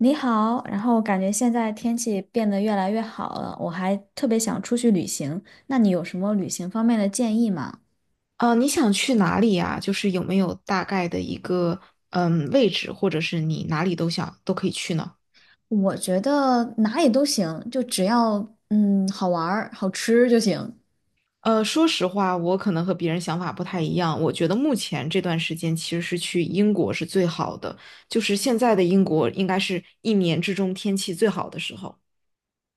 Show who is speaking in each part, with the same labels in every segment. Speaker 1: 你好，然后感觉现在天气变得越来越好了，我还特别想出去旅行。那你有什么旅行方面的建议吗？
Speaker 2: 啊，你想去哪里呀？就是有没有大概的一个位置，或者是你哪里都想都可以去呢？
Speaker 1: 我觉得哪里都行，就只要好玩儿、好吃就行。
Speaker 2: 说实话，我可能和别人想法不太一样。我觉得目前这段时间其实是去英国是最好的，就是现在的英国应该是一年之中天气最好的时候。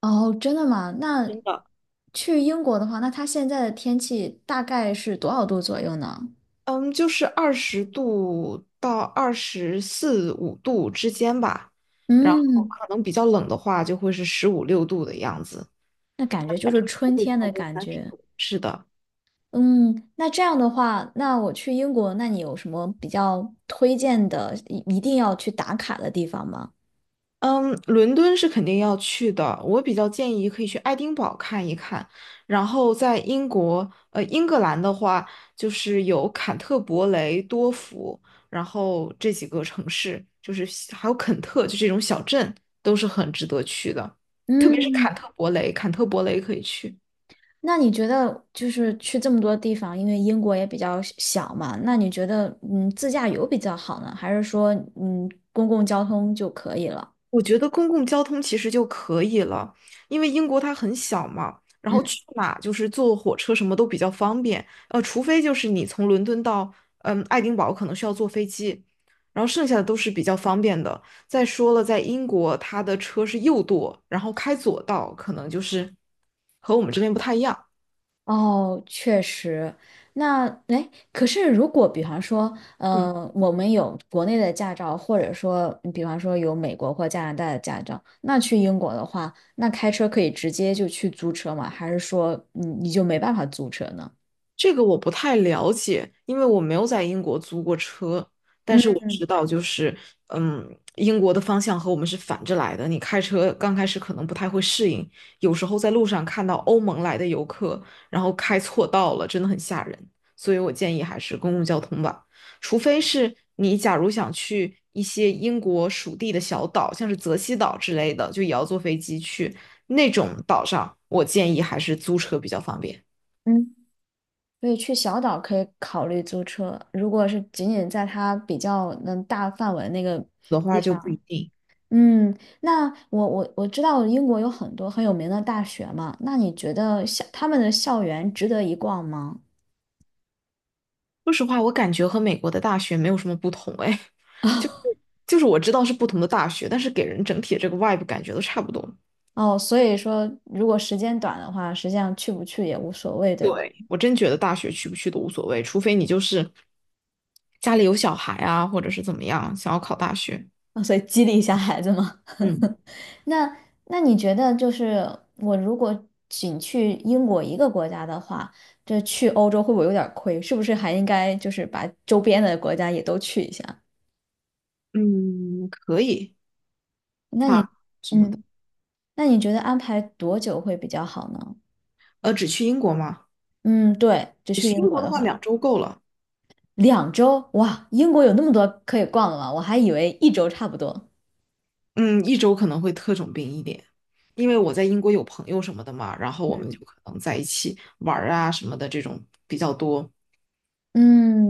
Speaker 1: 哦，真的吗？那
Speaker 2: 真的，
Speaker 1: 去英国的话，那它现在的天气大概是多少度左右呢？
Speaker 2: 嗯，就是20度到二十四五度之间吧，然后
Speaker 1: 嗯，
Speaker 2: 可能比较冷的话就会是十五六度的样子，
Speaker 1: 那感觉就
Speaker 2: 反
Speaker 1: 是
Speaker 2: 正不
Speaker 1: 春
Speaker 2: 会
Speaker 1: 天
Speaker 2: 超
Speaker 1: 的
Speaker 2: 过
Speaker 1: 感
Speaker 2: 三十
Speaker 1: 觉。
Speaker 2: 度。是的，
Speaker 1: 嗯，那这样的话，那我去英国，那你有什么比较推荐的，一定要去打卡的地方吗？
Speaker 2: 嗯，伦敦是肯定要去的。我比较建议可以去爱丁堡看一看，然后在英国，英格兰的话，就是有坎特伯雷、多福，然后这几个城市，就是还有肯特，就这种小镇，都是很值得去的。特别是
Speaker 1: 嗯，
Speaker 2: 坎特伯雷，坎特伯雷可以去。
Speaker 1: 那你觉得就是去这么多地方，因为英国也比较小嘛，那你觉得自驾游比较好呢，还是说公共交通就可以了？
Speaker 2: 我觉得公共交通其实就可以了，因为英国它很小嘛，然后
Speaker 1: 嗯。
Speaker 2: 去哪就是坐火车什么都比较方便，除非就是你从伦敦到爱丁堡可能需要坐飞机，然后剩下的都是比较方便的。再说了，在英国它的车是右舵，然后开左道，可能就是和我们这边不太一样。
Speaker 1: 哦，确实。那哎，可是如果比方说，
Speaker 2: 嗯。
Speaker 1: 我们有国内的驾照，或者说，比方说有美国或加拿大的驾照，那去英国的话，那开车可以直接就去租车吗？还是说你就没办法租车呢？
Speaker 2: 这个我不太了解，因为我没有在英国租过车，但
Speaker 1: 嗯
Speaker 2: 是我知道就是，英国的方向和我们是反着来的。你开车刚开始可能不太会适应，有时候在路上看到欧盟来的游客，然后开错道了，真的很吓人。所以我建议还是公共交通吧，除非是你假如想去一些英国属地的小岛，像是泽西岛之类的，就也要坐飞机去那种岛上，我建议还是租车比较方便。
Speaker 1: 嗯，所以去小岛可以考虑租车，如果是仅仅在它比较能大范围那个，
Speaker 2: 的话
Speaker 1: 地
Speaker 2: 就不一
Speaker 1: 方。
Speaker 2: 定。
Speaker 1: 嗯，那我知道英国有很多很有名的大学嘛，那你觉得他们的校园值得一逛吗？
Speaker 2: 说实话，我感觉和美国的大学没有什么不同，哎，就 就是我知道是不同的大学，但是给人整体的这个 vibe 感觉都差不多。
Speaker 1: 哦，所以说如果时间短的话，实际上去不去也无所谓，对吧？
Speaker 2: 对，我真觉得大学去不去都无所谓，除非你就是家里有小孩啊，或者是怎么样，想要考大学。
Speaker 1: 啊所以激励一下孩子嘛。
Speaker 2: 嗯
Speaker 1: 那那你觉得就是我如果仅去英国一个国家的话，这去欧洲会不会有点儿亏？是不是还应该就是把周边的国家也都去一下？
Speaker 2: 嗯，可以，
Speaker 1: 那你，
Speaker 2: 发什么的。
Speaker 1: 嗯，那你觉得安排多久会比较好呢？
Speaker 2: 只去英国吗？
Speaker 1: 嗯，对，就
Speaker 2: 只
Speaker 1: 去
Speaker 2: 去
Speaker 1: 英
Speaker 2: 英
Speaker 1: 国
Speaker 2: 国的
Speaker 1: 的
Speaker 2: 话，
Speaker 1: 话，
Speaker 2: 2周够了。
Speaker 1: 2周，哇，英国有那么多可以逛的吗？我还以为1周差不多。
Speaker 2: 嗯，1周可能会特种兵一点，因为我在英国有朋友什么的嘛，然后我们就
Speaker 1: 嗯，
Speaker 2: 可能在一起玩儿啊什么的这种比较多。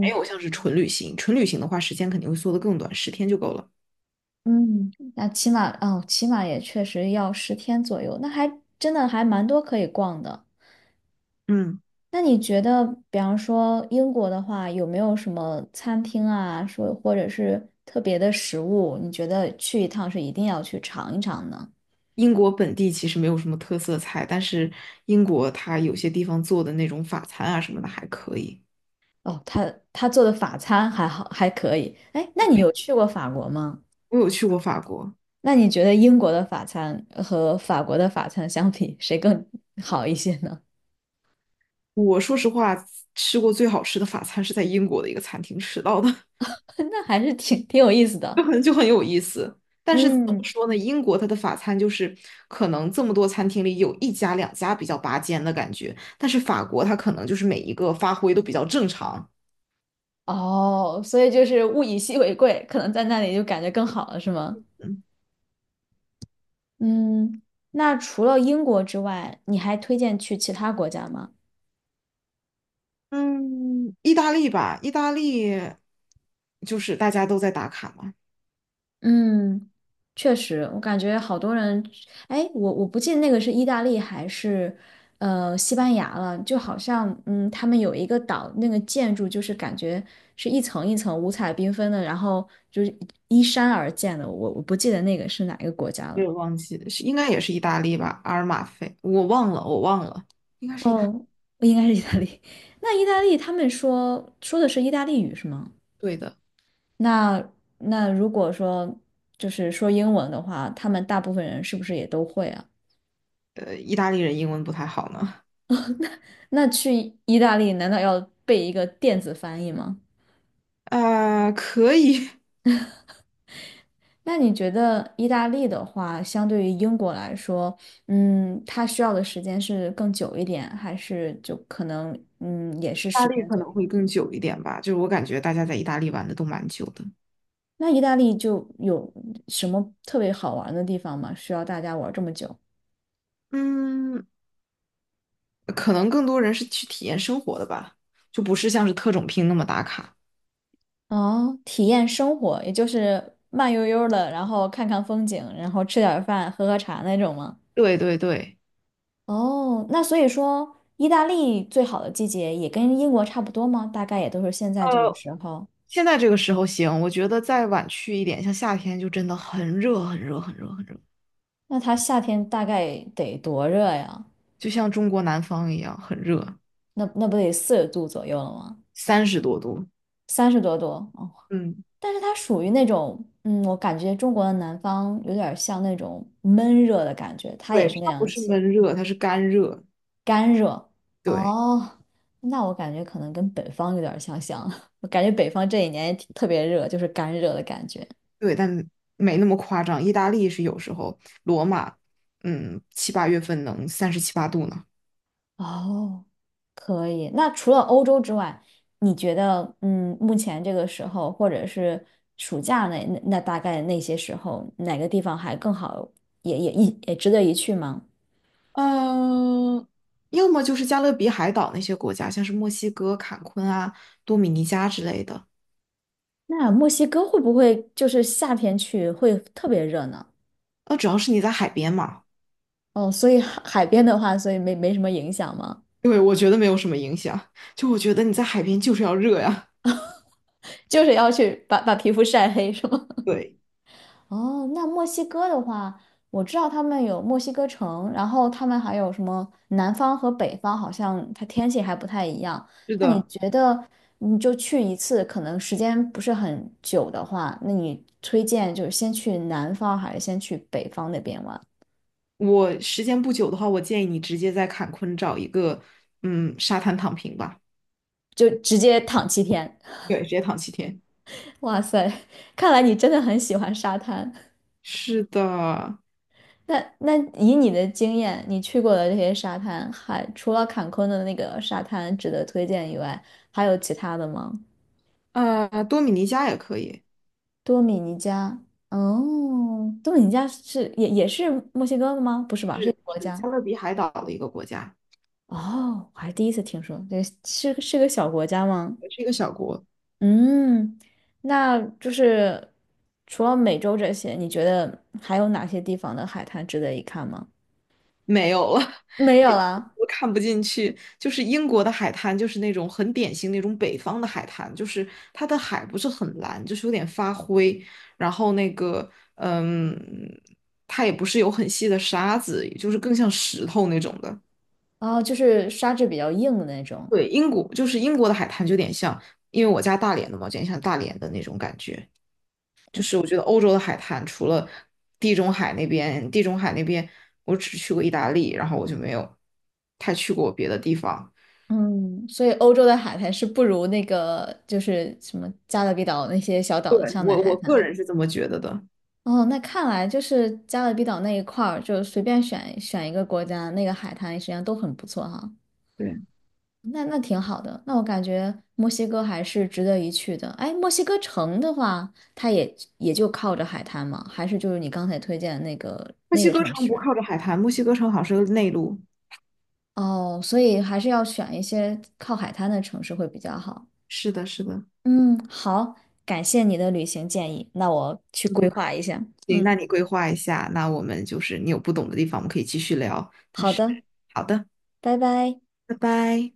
Speaker 2: 还有像是纯旅行，纯旅行的话，时间肯定会缩得更短，10天就够了。
Speaker 1: 嗯，那起码哦，起码也确实要十天左右，那还真的还蛮多可以逛的。
Speaker 2: 嗯，
Speaker 1: 那你觉得，比方说英国的话，有没有什么餐厅啊，或者是特别的食物，你觉得去一趟是一定要去尝一尝呢？
Speaker 2: 英国本地其实没有什么特色菜，但是英国它有些地方做的那种法餐啊什么的还可以。
Speaker 1: 哦，他做的法餐还好，还可以。哎，那你有去过法国吗？
Speaker 2: 我有去过法国，
Speaker 1: 那你觉得英国的法餐和法国的法餐相比，谁更好一些呢？
Speaker 2: 我说实话吃过最好吃的法餐是在英国的一个餐厅吃到的，
Speaker 1: 那还是挺有意思
Speaker 2: 就
Speaker 1: 的。
Speaker 2: 很就很有意思。但是怎么
Speaker 1: 嗯，
Speaker 2: 说呢？英国它的法餐就是可能这么多餐厅里有一家两家比较拔尖的感觉，但是法国它可能就是每一个发挥都比较正常。
Speaker 1: 哦，所以就是物以稀为贵，可能在那里就感觉更好了，是吗？
Speaker 2: 嗯
Speaker 1: 嗯，那除了英国之外，你还推荐去其他国家吗？
Speaker 2: 嗯，意大利吧，意大利就是大家都在打卡嘛，
Speaker 1: 嗯，确实，我感觉好多人，哎，我不记得那个是意大利还是西班牙了，就好像他们有一个岛，那个建筑就是感觉是一层一层五彩缤纷的，然后就是依山而建的，我不记得那个是哪一个国家
Speaker 2: 我
Speaker 1: 了。
Speaker 2: 也忘记了是应该也是意大利吧，阿尔马菲，我忘了，我忘了，应该是
Speaker 1: 哦，应该是意大利。那意大利他们说的是意大利语是吗？
Speaker 2: 对的，
Speaker 1: 那那如果说就是说英文的话，他们大部分人是不是也都会啊？
Speaker 2: 意大利人英文不太好呢，
Speaker 1: 那去意大利难道要背一个电子翻译吗？
Speaker 2: 可以，意
Speaker 1: 那你觉得意大利的话，相对于英国来说，它需要的时间是更久一点，还是就可能也是
Speaker 2: 大
Speaker 1: 十
Speaker 2: 利
Speaker 1: 天
Speaker 2: 可
Speaker 1: 左
Speaker 2: 能
Speaker 1: 右？
Speaker 2: 会更久一点吧，就是我感觉大家在意大利玩的都蛮久的，
Speaker 1: 那意大利就有什么特别好玩的地方吗？需要大家玩这么久？
Speaker 2: 嗯，可能更多人是去体验生活的吧，就不是像是特种兵那么打卡，
Speaker 1: 哦，体验生活，也就是慢悠悠的，然后看看风景，然后吃点儿饭，喝喝茶那种吗？
Speaker 2: 对对对。
Speaker 1: 哦，那所以说，意大利最好的季节也跟英国差不多吗？大概也都是现在这个
Speaker 2: 呃，
Speaker 1: 时候。
Speaker 2: 现在这个时候行，我觉得再晚去一点，像夏天就真的很热，很热，很热，很热，
Speaker 1: 那它夏天大概得多热呀？
Speaker 2: 就像中国南方一样，很热，
Speaker 1: 那不得40度左右了吗？
Speaker 2: 30多度。
Speaker 1: 30多度哦。
Speaker 2: 嗯，
Speaker 1: 但是它属于那种，我感觉中国的南方有点像那种闷热的感觉，它也
Speaker 2: 对，
Speaker 1: 是那
Speaker 2: 它不
Speaker 1: 样
Speaker 2: 是
Speaker 1: 气候
Speaker 2: 闷热，它是干热。
Speaker 1: 干热。
Speaker 2: 对，
Speaker 1: 哦，那我感觉可能跟北方有点相像，我感觉北方这一年也挺特别热，就是干热的感觉。
Speaker 2: 对，但没那么夸张。意大利是有时候，罗马，七八月份能三十七八度呢。
Speaker 1: 哦，可以。那除了欧洲之外，你觉得，目前这个时候，或者是暑假那大概那些时候，哪个地方还更好，也值得一去吗？
Speaker 2: 嗯，要么就是加勒比海岛那些国家，像是墨西哥、坎昆啊、多米尼加之类的。
Speaker 1: 那墨西哥会不会就是夏天去会特别热呢？
Speaker 2: 主要是你在海边嘛。
Speaker 1: 哦，所以海边的话，所以没什么影响吗？
Speaker 2: 对，我觉得没有什么影响。就我觉得你在海边就是要热呀。
Speaker 1: 就是要去把皮肤晒黑，是吗？
Speaker 2: 对，
Speaker 1: 哦，那墨西哥的话，我知道他们有墨西哥城，然后他们还有什么南方和北方，好像它天气还不太一样。
Speaker 2: 是
Speaker 1: 那你
Speaker 2: 的，
Speaker 1: 觉得，你就去一次，可能时间不是很久的话，那你推荐就是先去南方还是先去北方那边玩？
Speaker 2: 我时间不久的话，我建议你直接在坎昆找一个沙滩躺平吧。
Speaker 1: 就直接躺7天。
Speaker 2: 对，直接躺7天。
Speaker 1: 哇塞，看来你真的很喜欢沙滩。
Speaker 2: 是的，
Speaker 1: 那以你的经验，你去过的这些沙滩，还除了坎昆的那个沙滩值得推荐以外，还有其他的吗？
Speaker 2: 多米尼加也可以，
Speaker 1: 多米尼加，哦，多米尼加是也是墨西哥的吗？不是吧，是一
Speaker 2: 是
Speaker 1: 个国
Speaker 2: 是
Speaker 1: 家。
Speaker 2: 加勒比海岛的一个国家，
Speaker 1: 哦，我还第一次听说，对，是个小国家吗？
Speaker 2: 也是一个小国。
Speaker 1: 嗯，那就是除了美洲这些，你觉得还有哪些地方的海滩值得一看吗？
Speaker 2: 没有了，
Speaker 1: 没 有
Speaker 2: 点
Speaker 1: 啦，
Speaker 2: 都看不进去。就是英国的海滩，就是那种很典型那种北方的海滩，就是它的海不是很蓝，就是有点发灰，然后那个嗯，它也不是有很细的沙子，就是更像石头那种的。
Speaker 1: 哦，就是沙质比较硬的那种。
Speaker 2: 对，英国就是英国的海滩，就有点像，因为我家大连的嘛，有点像大连的那种感觉。就是我觉得欧洲的海滩，除了地中海那边，地中海那边我只去过意大利，然后我就没有太去过别的地方。
Speaker 1: 嗯，所以欧洲的海滩是不如那个就是什么加勒比岛那些小岛
Speaker 2: 对，
Speaker 1: 的上的
Speaker 2: 我
Speaker 1: 海
Speaker 2: 我个
Speaker 1: 滩。
Speaker 2: 人是这么觉得的。
Speaker 1: 哦，那看来就是加勒比岛那一块儿，就随便选选一个国家，那个海滩实际上都很不错哈。
Speaker 2: 对，
Speaker 1: 那挺好的，那我感觉墨西哥还是值得一去的。哎，墨西哥城的话，它也就靠着海滩嘛，还是就是你刚才推荐的那个
Speaker 2: 墨
Speaker 1: 那
Speaker 2: 西
Speaker 1: 个
Speaker 2: 哥
Speaker 1: 城
Speaker 2: 城不
Speaker 1: 市。
Speaker 2: 靠着海滩，墨西哥城好像是个内陆。
Speaker 1: 哦，所以还是要选一些靠海滩的城市会比较好。
Speaker 2: 是的，是的。
Speaker 1: 嗯，好，感谢你的旅行建议，那我去
Speaker 2: 嗯
Speaker 1: 规
Speaker 2: 不
Speaker 1: 划一下。
Speaker 2: 行，那
Speaker 1: 嗯，
Speaker 2: 你规划一下，那我们就是你有不懂的地方，我们可以继续聊。但
Speaker 1: 好
Speaker 2: 是，
Speaker 1: 的，
Speaker 2: 好的，
Speaker 1: 拜拜。
Speaker 2: 拜拜。